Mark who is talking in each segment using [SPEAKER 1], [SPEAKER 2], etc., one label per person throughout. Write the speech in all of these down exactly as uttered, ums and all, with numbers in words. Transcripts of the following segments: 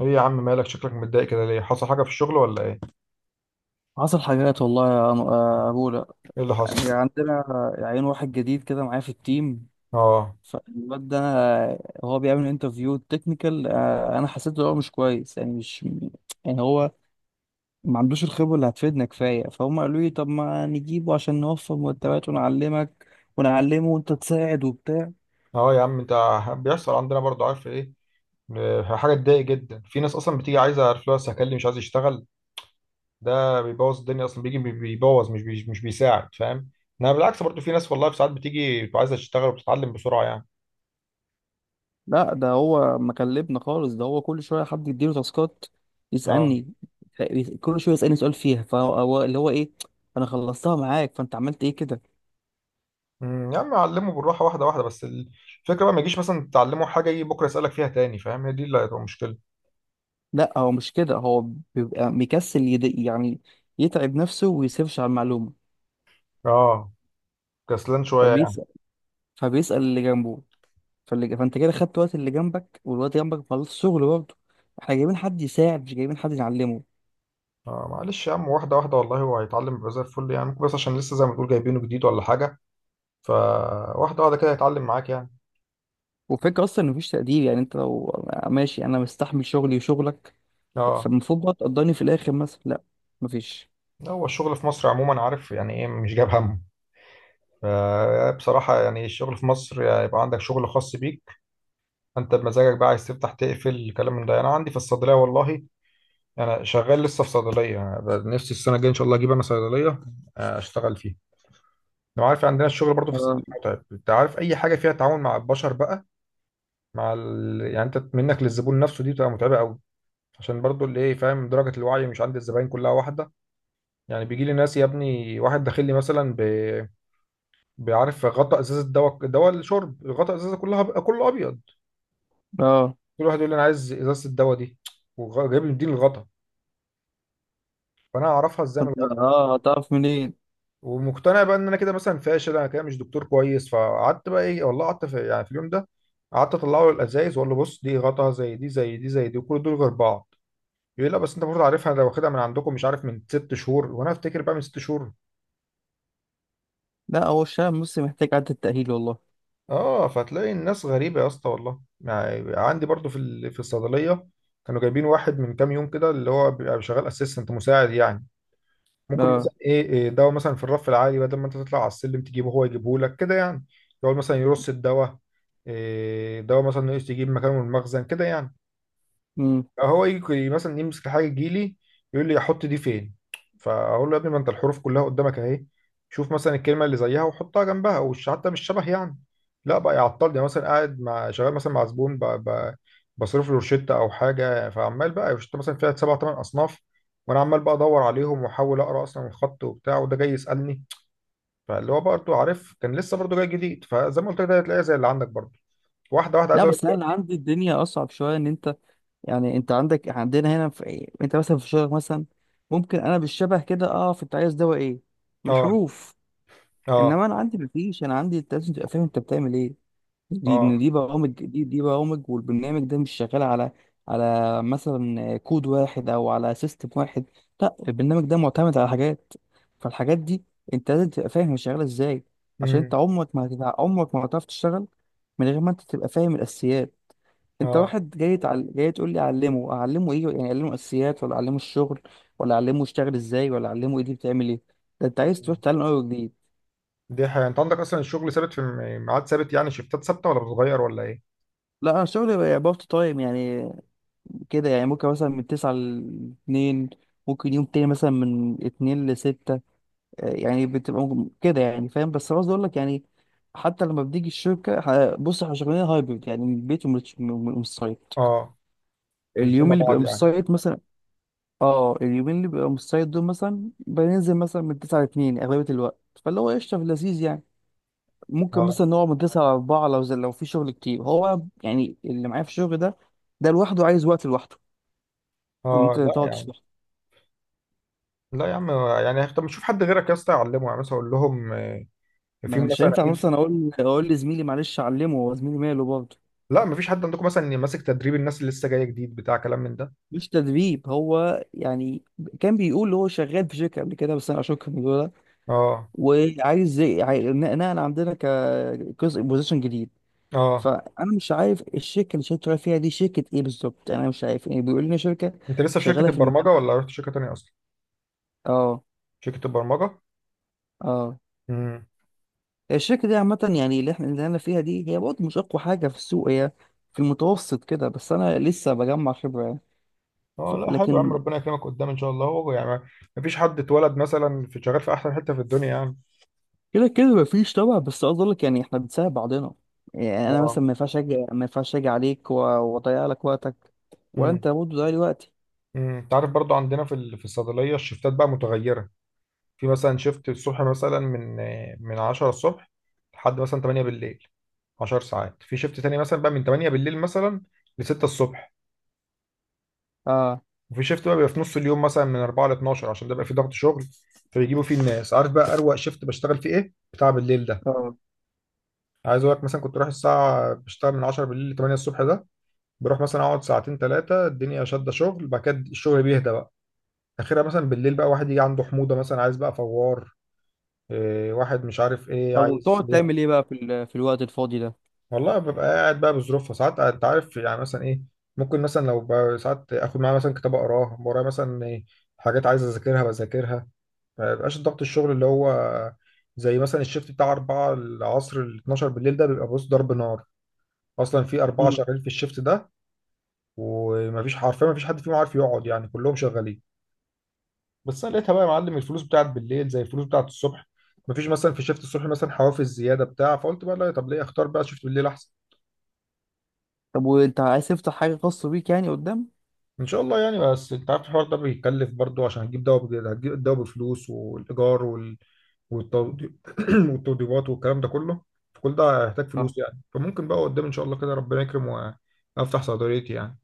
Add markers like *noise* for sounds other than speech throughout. [SPEAKER 1] ايه يا عم، مالك؟ شكلك متضايق كده ليه؟ حصل حاجه في الشغل ولا ايه؟
[SPEAKER 2] حصل حاجات والله يا أم- يا أبولا.
[SPEAKER 1] ايه اللي
[SPEAKER 2] يعني
[SPEAKER 1] حصل؟
[SPEAKER 2] عندنا عين واحد جديد كده معايا في التيم.
[SPEAKER 1] اه،
[SPEAKER 2] فالواد ده هو بيعمل انترفيو تكنيكال. أنا حسيت إن هو مش كويس، يعني مش يعني هو ما عندوش الخبرة اللي هتفيدنا كفاية، فهم قالوا لي طب ما نجيبه عشان نوفر مرتبات ونعلمك ونعلمه، وأنت تساعد وبتاع.
[SPEAKER 1] اه يا عم انت بيحصل عندنا برضه، عارف ايه؟ م- حاجه تضايق جدا، في ناس اصلا بتيجي عايزه، عارف، لو هكلم مش عايز يشتغل. ده بيبوظ الدنيا اصلا، بيجي بي- بيبوظ، مش بي مش بيساعد، فاهم؟ انا بالعكس برضه في ناس، والله في ساعات بتيجي بتبقى عايزه تشتغل وبتتعلم بسرعه يعني.
[SPEAKER 2] لا، ده هو مكلبنا خالص، ده هو كل شوية حد يديله تاسكات
[SPEAKER 1] اه.
[SPEAKER 2] يسألني، كل شوية يسألني سؤال فيها. فهو هو- اللي هو إيه، أنا خلصتها معاك فأنت عملت إيه كده؟
[SPEAKER 1] أمم، يا عم علمه بالراحه واحده واحده، بس الفكره بقى ما يجيش مثلا تعلمه حاجه يجي بكره يسالك فيها تاني، فاهم؟ هي دي اللي هتبقى مشكله.
[SPEAKER 2] لا هو مش كده، هو بيبقى مكسل يد... يعني يتعب نفسه ويسيرش على المعلومة،
[SPEAKER 1] اه، كسلان شويه.
[SPEAKER 2] فبيسأل فبيسأل اللي جنبه. فاللي... فانت كده خدت وقت اللي جنبك، والوقت جنبك مخلص شغل برضه. احنا جايبين حد يساعد مش جايبين حد يعلمه.
[SPEAKER 1] آه معلش يا عم، واحدة واحدة والله هو هيتعلم يبقى زي الفل يعني، ممكن بس عشان لسه زي ما تقول جايبينه جديد ولا حاجة. فواحدة واحدة كده هيتعلم معاك يعني.
[SPEAKER 2] وفكرة اصلا ان مفيش تقدير، يعني انت لو ماشي انا مستحمل شغلي وشغلك
[SPEAKER 1] اه،
[SPEAKER 2] فالمفروض بقى تقدرني في الاخر مثلا، لا مفيش.
[SPEAKER 1] هو الشغل في مصر عموما عارف يعني ايه، مش جايب همه. ف- بصراحة يعني الشغل في مصر يعني يبقى عندك شغل خاص بيك، انت بمزاجك بقى عايز تفتح تقفل الكلام من ده. انا عندي في الصيدلية والله، انا شغال لسه في صيدلية. أنا نفسي السنة الجاية ان شاء الله اجيب انا صيدلية، آه، اشتغل فيها. لو عارف عندنا الشغل برضو في
[SPEAKER 2] اه.
[SPEAKER 1] الصيدلية متعب، انت عارف اي حاجة فيها تعاون مع البشر بقى، مع ال... يعني انت منك للزبون نفسه دي بتبقى متعبه قوي. عشان برضو اللي ايه، فاهم؟ درجه الوعي مش عند الزباين كلها واحده. يعني بيجي لي ناس، يا ابني واحد داخل لي مثلا ب... بعرف غطا ازازه دواء، دواء الشرب غطا ازازه كلها ب... كله ابيض.
[SPEAKER 2] اه.
[SPEAKER 1] كل واحد يقول لي انا عايز ازازه الدواء دي، وجايب لي مدين الغطا. فانا اعرفها ازاي من
[SPEAKER 2] فانت،
[SPEAKER 1] الغطا؟
[SPEAKER 2] اه هتعرف منين؟
[SPEAKER 1] ومقتنع بقى ان انا كده مثلا فاشل، انا كده مش دكتور كويس. فقعدت بقى ايه والله، قعدت في... يعني في اليوم ده قعدت اطلعه الازايز واقول له بص، دي غطا زي دي زي دي زي دي، كل دول غير بعض. يقول لا بس انت برضه عارفها، انا واخدها من عندكم مش عارف من ست شهور، وانا افتكر بقى من ست شهور.
[SPEAKER 2] لا، هو الشعب المصري محتاج عدة تأهيل والله.
[SPEAKER 1] اه، فتلاقي الناس غريبه يا اسطى، والله يعني عندي برضه في ال- في الصيدليه كانوا جايبين واحد من كام يوم كده، اللي هو بيبقى شغال اسيستنت مساعد يعني. ممكن
[SPEAKER 2] اه.
[SPEAKER 1] مثلا ايه، إيه دواء مثلا في الرف العالي بدل ما انت تطلع على السلم تجيبه هو يجيبه لك كده يعني، يقعد مثلا يرص الدواء، إيه دواء مثلا ناقص يجيب مكانه من المخزن كده يعني.
[SPEAKER 2] امم.
[SPEAKER 1] هو يجي مثلا يمسك حاجه تجيلي يقول لي احط دي فين؟ فاقول له يا ابني ما انت الحروف كلها قدامك اهي، شوف مثلا الكلمه اللي زيها وحطها جنبها وش حتى مش شبه يعني. لا بقى يعطلني مثلا قاعد مع شغال مثلا مع زبون ب... ب... بصرف له روشته او حاجه، فعمال بقى روشته مثلا فيها سبع ثمان اصناف، وانا عمال بقى ادور عليهم واحاول اقرا اصلا الخط وبتاع، وده جاي يسالني. فاللي هو برضه عارف كان لسه برضه جاي جديد، فزي ما قلت لك ده هتلاقيها زي اللي عندك برضه. واحده واحده عايز
[SPEAKER 2] لا
[SPEAKER 1] اقول لك
[SPEAKER 2] بس انا اللي
[SPEAKER 1] دلوقتي.
[SPEAKER 2] عندي الدنيا اصعب شويه، ان انت يعني انت عندك عندنا هنا في ايه، انت مثلا في شغلك مثلا ممكن انا بالشبه كده اقف انت عايز دواء ايه من
[SPEAKER 1] اه،
[SPEAKER 2] الحروف.
[SPEAKER 1] اه،
[SPEAKER 2] انما انا عندي مفيش، انا عندي انت لازم تبقى فاهم انت بتعمل ايه. دي ان
[SPEAKER 1] اه.
[SPEAKER 2] دي برامج، دي دي برامج، والبرنامج ده مش شغال على على مثلا كود واحد او على سيستم واحد. لا البرنامج ده معتمد على حاجات، فالحاجات دي انت لازم تبقى فاهم هي شغاله ازاي. عشان انت
[SPEAKER 1] امم.
[SPEAKER 2] عمرك ما هتتع- عمرك ما هتعرف تشتغل من غير ما انت تبقى فاهم الاساسيات. انت
[SPEAKER 1] اه.
[SPEAKER 2] واحد جاي تعل... جاي تقول لي اعلمه، اعلمه ايه يعني؟ اعلمه اساسيات ولا اعلمه الشغل ولا اعلمه يشتغل ازاي ولا اعلمه ايه دي بتعمل ايه؟ ده انت عايز
[SPEAKER 1] مم.
[SPEAKER 2] تروح تعلم اول جديد.
[SPEAKER 1] دي حقيقة، انت عندك اصلا الشغل ثابت في م- ميعاد ثابت يعني، شفتات ثابته ولا بتتغير ولا ايه؟
[SPEAKER 2] لا انا شغلي بقى بارت تايم يعني، كده يعني ممكن مثلا من تسعة ل اتنين، ممكن يوم تاني مثلا من اتنين ل ستة، يعني بتبقى ممكن- كده يعني فاهم. بس قصدي اقول لك يعني، حتى لما بتيجي الشركه، ه- بص احنا شغالين هايبرد يعني من البيت ومن ومن- ومن السايت.
[SPEAKER 1] اه، ملتين
[SPEAKER 2] اليوم
[SPEAKER 1] مع
[SPEAKER 2] اللي بيبقى
[SPEAKER 1] بعض
[SPEAKER 2] من
[SPEAKER 1] يعني.
[SPEAKER 2] السايت مثلا، اه، اليومين اللي بيبقى مستعد دول مثلا بننزل مثلا من التاسعة ل الثانية اغلبية الوقت. فاللي هو قشطة في اللذيذ يعني، ممكن
[SPEAKER 1] اه،
[SPEAKER 2] مثلا نقعد من التاسعة ل الرابعة لو زي لو في شغل كتير. هو يعني اللي معايا في الشغل ده، ده لوحده عايز وقت لوحده، ان
[SPEAKER 1] اه
[SPEAKER 2] انت
[SPEAKER 1] لا
[SPEAKER 2] تقعد
[SPEAKER 1] يا عم،
[SPEAKER 2] تشرح.
[SPEAKER 1] لا يا عم. يعني طب نشوف حد غيرك يا اسطى يعلمه، يعني مثلا اقول لهم آه،
[SPEAKER 2] ما
[SPEAKER 1] في
[SPEAKER 2] انا مش
[SPEAKER 1] مثلا
[SPEAKER 2] هينفع
[SPEAKER 1] اكيد.
[SPEAKER 2] مثلا اقول اقول لزميلي معلش علمه، هو زميلي ماله برضه؟
[SPEAKER 1] لا مفيش حد عندكم مثلا إن ماسك تدريب الناس اللي لسه جايه جديد، بتاع كلام من ده.
[SPEAKER 2] مش تدريب هو يعني، كان بيقول هو شغال في شركه قبل كده بس انا اشك في الموضوع ده،
[SPEAKER 1] اه،
[SPEAKER 2] وعايز زي- عاي- نقل عندنا كجزء بوزيشن جديد.
[SPEAKER 1] اه.
[SPEAKER 2] فانا مش عارف الشركه اللي شغال فيها دي شركه ايه بالظبط، انا مش عارف يعني، بيقول لنا شركه
[SPEAKER 1] انت لسه في
[SPEAKER 2] شغاله
[SPEAKER 1] شركه
[SPEAKER 2] في المكان.
[SPEAKER 1] البرمجه ولا رحت شركه تانيه اصلا؟
[SPEAKER 2] اه.
[SPEAKER 1] شركه البرمجه؟
[SPEAKER 2] اه.
[SPEAKER 1] امم.
[SPEAKER 2] الشركه دي عامه، يعني اللي احنا اللي انا فيها دي هي برضه مش اقوى حاجه في السوق، هي في المتوسط كده، بس انا لسه بجمع خبره يعني. ف-
[SPEAKER 1] اه لا حلو يا عم،
[SPEAKER 2] لكن
[SPEAKER 1] ربنا يكرمك قدام ان شاء الله، هو يعني مفيش حد اتولد مثلا في شغال في احسن حته في الدنيا يعني.
[SPEAKER 2] كده كده مفيش طبعا، بس عاوز اقول لك يعني احنا بنساعد بعضنا. يعني انا مثلا
[SPEAKER 1] اه.
[SPEAKER 2] ما ينفعش اجي ما ينفعش اجي عليك و- واضيع لك وقتك، ولا انت برضه ضايع لي وقتي.
[SPEAKER 1] امم، انت عارف برضو عندنا في ال- في الصيدليه الشفتات بقى متغيره. في مثلا شفت الصبح مثلا من من عشرة الصبح لحد مثلا ثمانية بالليل، عشر ساعات. في شفت تاني مثلا بقى من تمانية بالليل مثلا ل ستة الصبح.
[SPEAKER 2] اه.
[SPEAKER 1] وفي شفت بقى بيبقى في نص اليوم مثلا من اربعة ل اتناشر، عشان ده بقى في ضغط شغل فبيجيبوا فيه الناس. عارف بقى اروق شفت بشتغل فيه ايه، بتاع بالليل ده.
[SPEAKER 2] اه.
[SPEAKER 1] عايز اقول لك مثلا كنت رايح الساعه بشتغل من عشرة بالليل ل تمانية الصبح، ده بروح مثلا اقعد ساعتين ثلاثه الدنيا شاده شغل، بعد كده الشغل بيهدى. اخرها مثلا بالليل بقى واحد يجي عنده حموضه مثلا عايز بقى فوار، إيه واحد مش عارف ايه
[SPEAKER 2] طب
[SPEAKER 1] عايز
[SPEAKER 2] وبتقعد تعمل
[SPEAKER 1] ليه.
[SPEAKER 2] ايه بقى في ال... في الوقت الفاضي ده؟
[SPEAKER 1] والله ببقى قاعد بقى بظروفها ساعات، انت عارف يعني مثلا ايه، ممكن مثلا لو بقى ساعات اخد معايا مثلا كتاب اقراه ورايا مثلا إيه، حاجات عايز اذاكرها بذاكرها. ما بيبقاش ضغط الشغل اللي هو زي مثلا الشيفت بتاع اربعة العصر ال اتناشر بالليل ده، بيبقى بص ضرب نار، اصلا في اربعه شغالين في الشيفت ده ومفيش حرفيا مفيش حد فيهم عارف يقعد يعني، كلهم شغالين. بس انا لقيتها بقى يا معلم، الفلوس بتاعت بالليل زي الفلوس بتاعت الصبح، مفيش مثلا في شيفت الصبح مثلا حوافز زياده بتاع، فقلت بقى لا طب ليه، اختار بقى شيفت بالليل احسن.
[SPEAKER 2] طب وانت عايز تفتح حاجة خاصة بيك يعني قدام؟
[SPEAKER 1] ان شاء الله يعني، بس انت عارف الحوار ده بيكلف برضو، عشان هتجيب دواء بجد هتجيب الدواء بفلوس، والايجار وال... والتوضي- *clears throat* والتوضيبات والكلام ده كله، فكل ده هيحتاج
[SPEAKER 2] اه،
[SPEAKER 1] فلوس يعني. فممكن بقى قدام ان شاء الله كده ربنا يكرم وافتح صيدليتي يعني.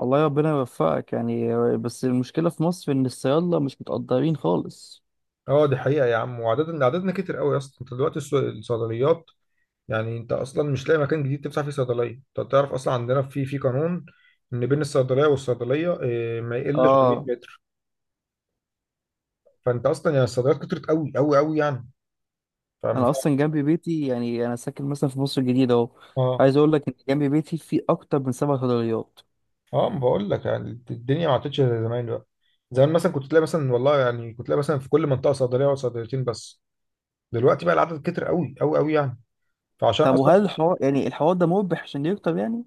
[SPEAKER 2] الله ربنا يوفقك يعني. بس المشكلة في مصر إن الصيادلة مش متقدرين خالص.
[SPEAKER 1] اه دي حقيقه يا عم، وعددنا عددنا كتير قوي يا اسطى، انت دلوقتي الص- الصيدليات يعني انت اصلا مش لاقي مكان جديد تفتح فيه صيدليه. انت تعرف اصلا عندنا في في قانون ان بين الصيدليه والصيدليه اه، ما يقلش عن مائة
[SPEAKER 2] اه.
[SPEAKER 1] متر. فانت اصلا يعني الصيدليات كترت قوي قوي قوي يعني، فاهم؟
[SPEAKER 2] أنا أصلا جنب بيتي، يعني أنا ساكن مثلا في مصر الجديدة أهو،
[SPEAKER 1] اه،
[SPEAKER 2] عايز أقول لك إن جنب بيتي في أكتر من سبع صيدليات.
[SPEAKER 1] اه ما بقول لك يعني الدنيا ما عادتش زي زمان بقى. زمان مثلا كنت تلاقي مثلا والله يعني كنت تلاقي مثلا في كل منطقه صيدليه او صيدليتين بس، دلوقتي بقى العدد كتر قوي قوي قوي يعني. فعشان
[SPEAKER 2] طب وهل
[SPEAKER 1] اصلا.
[SPEAKER 2] الحوار يعني الحوار ده مربح عشان يكتر يعني؟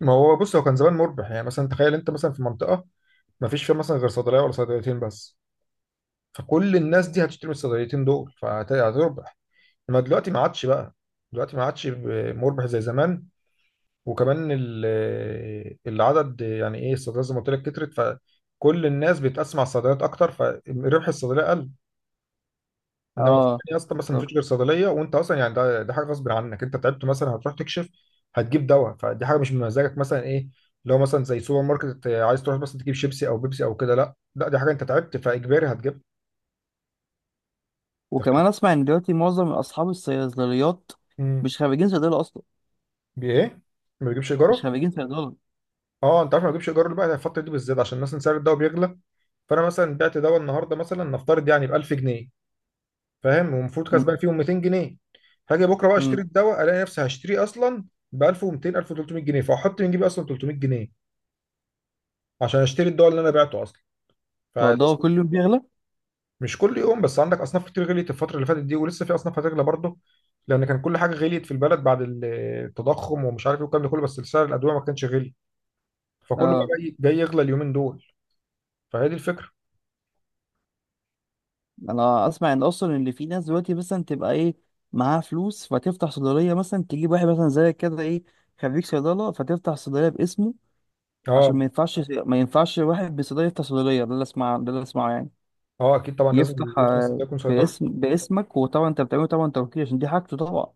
[SPEAKER 1] ما هو بص هو كان زمان مربح يعني، مثلا تخيل انت مثلا في منطقه ما فيش فيها مثلا غير صيدليه ولا صيدليتين بس، فكل الناس دي هتشتري من الصيدليتين دول فهتربح. ما دلوقتي ما عادش بقى، دلوقتي ما عادش ب- مربح زي زمان. وكمان ال- العدد يعني ايه الصيدليات زي ما قلت لك كترت، فكل الناس بتقسم على الصيدليات اكتر، فربح الصيدليه قل. انما زمان
[SPEAKER 2] اه
[SPEAKER 1] يا اسطى مثلا ما
[SPEAKER 2] بالظبط.
[SPEAKER 1] فيش غير صيدليه، وانت اصلا يعني ده ده حاجه غصب عنك انت تعبت، مثلا هتروح تكشف هتجيب دواء، فدي حاجه مش من مزاجك مثلا ايه. لو مثلا زي سوبر ماركت عايز تروح مثلا تجيب شيبسي او بيبسي او كده، لا لا دي حاجه انت تعبت فاجباري هتجيب، انت
[SPEAKER 2] وكمان
[SPEAKER 1] فاهم؟
[SPEAKER 2] أسمع إن دلوقتي معظم أصحاب الصيدليات
[SPEAKER 1] امم،
[SPEAKER 2] مش خريجين صيدلة أصلا.
[SPEAKER 1] بايه؟ ما بيجيبش
[SPEAKER 2] مش
[SPEAKER 1] ايجاره؟
[SPEAKER 2] خريجين صيدلة.
[SPEAKER 1] اه انت عارف، ما بجيبش ايجار بقى الفتره دي بالذات عشان مثلا سعر الدواء بيغلى. فانا مثلا بعت دواء النهارده مثلا نفترض يعني ب الف جنيه، فاهم؟ ومفروض
[SPEAKER 2] امم.
[SPEAKER 1] كسبان فيهم ميتين جنيه. هاجي بكره بقى اشتري
[SPEAKER 2] امم.
[SPEAKER 1] الدواء الاقي نفسي هشتريه اصلا ب الف ومتين، الف وتلتمية جنيه، فاحط من جيبي اصلا تلتمية جنيه عشان اشتري الدواء اللي انا بعته اصلا.
[SPEAKER 2] هو الدواء
[SPEAKER 1] فلسه.
[SPEAKER 2] كل يوم بيغلى؟
[SPEAKER 1] مش كل يوم بس، عندك اصناف كتير غليت الفتره اللي فاتت دي ولسه في اصناف هتغلى برضه، لان كان كل حاجه غليت في البلد بعد التضخم ومش عارف ايه والكلام ده كله، بس سعر الادويه ما كانش غلي. فكله بقى
[SPEAKER 2] اه.
[SPEAKER 1] جاي جاي يغلى اليومين دول، فهي دي الفكره.
[SPEAKER 2] انا اسمع ان اصلا اللي في ناس دلوقتي مثلا تبقى ايه، معاها فلوس فتفتح صيدليه مثلا، تجيب واحد مثلا زي كده ايه، خريج صيدله، فتفتح صيدليه باسمه،
[SPEAKER 1] اه،
[SPEAKER 2] عشان ما ينفعش، ما ينفعش واحد بصيدليه يفتح صيدليه. ده اللي اسمع ده اللي اسمعه يعني،
[SPEAKER 1] اه اكيد طبعا لازم
[SPEAKER 2] يفتح
[SPEAKER 1] اللي في ناس
[SPEAKER 2] آه،
[SPEAKER 1] ده يكون صيدلي.
[SPEAKER 2] باسم باسمك، وطبعا انت بتعمله طبعا توكيل عشان دي حاجته طبعا،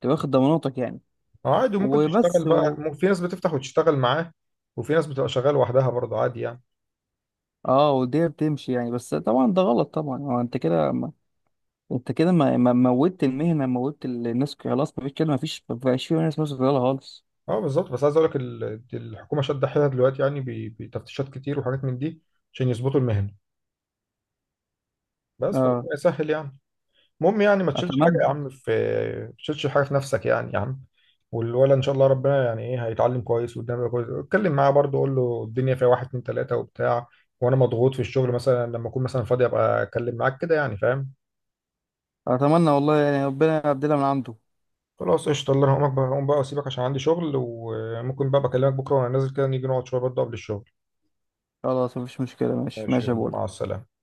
[SPEAKER 2] تبقى واخد ضماناتك يعني.
[SPEAKER 1] اه عادي، وممكن تشتغل
[SPEAKER 2] وبس
[SPEAKER 1] بقى
[SPEAKER 2] و...
[SPEAKER 1] مم- في ناس بتفتح وتشتغل معاه، وفي ناس بتبقى شغاله لوحدها برضه عادي يعني.
[SPEAKER 2] اه، والدنيا بتمشي يعني، بس طبعا ده غلط طبعا. هو انت كده ما... انت كده ما... ما موتت المهنه، موتت الناس خلاص، مفيش كده، مفيش مفيش فيه ناس مثلا خالص.
[SPEAKER 1] اه بالظبط، بس عايز اقول لك ال- الحكومه شادة حيلها دلوقتي يعني ب- بتفتيشات كتير وحاجات من دي عشان يظبطوا المهنه، بس
[SPEAKER 2] اه.
[SPEAKER 1] فربنا يسهل يعني. المهم يعني ما تشيلش حاجه
[SPEAKER 2] اتمنى.
[SPEAKER 1] يا عم في، ما تشيلش حاجه في نفسك يعني يا عم. والولد ان شاء الله ربنا يعني ايه هيتعلم كويس وقدامه يبقى كويس، اتكلم معاه برضه قول له الدنيا فيها واحد اتنين تلاته وبتاع، وانا مضغوط في الشغل مثلا لما اكون مثلا فاضي ابقى اكلم معاك كده يعني، فاهم؟
[SPEAKER 2] اتمنى والله يعني ربنا يبدلها من عنده.
[SPEAKER 1] خلاص قشطة، الله أنا هقوم بقى، هقوم بقى أسيبك عشان عندي شغل، وممكن بقى بكلمك بكرة وأنا نازل كده نيجي نقعد شوية برضه قبل الشغل.
[SPEAKER 2] خلاص مفيش مشكلة، ماشي
[SPEAKER 1] ماشي،
[SPEAKER 2] ماشي يا
[SPEAKER 1] يلا
[SPEAKER 2] بول.
[SPEAKER 1] مع السلامة.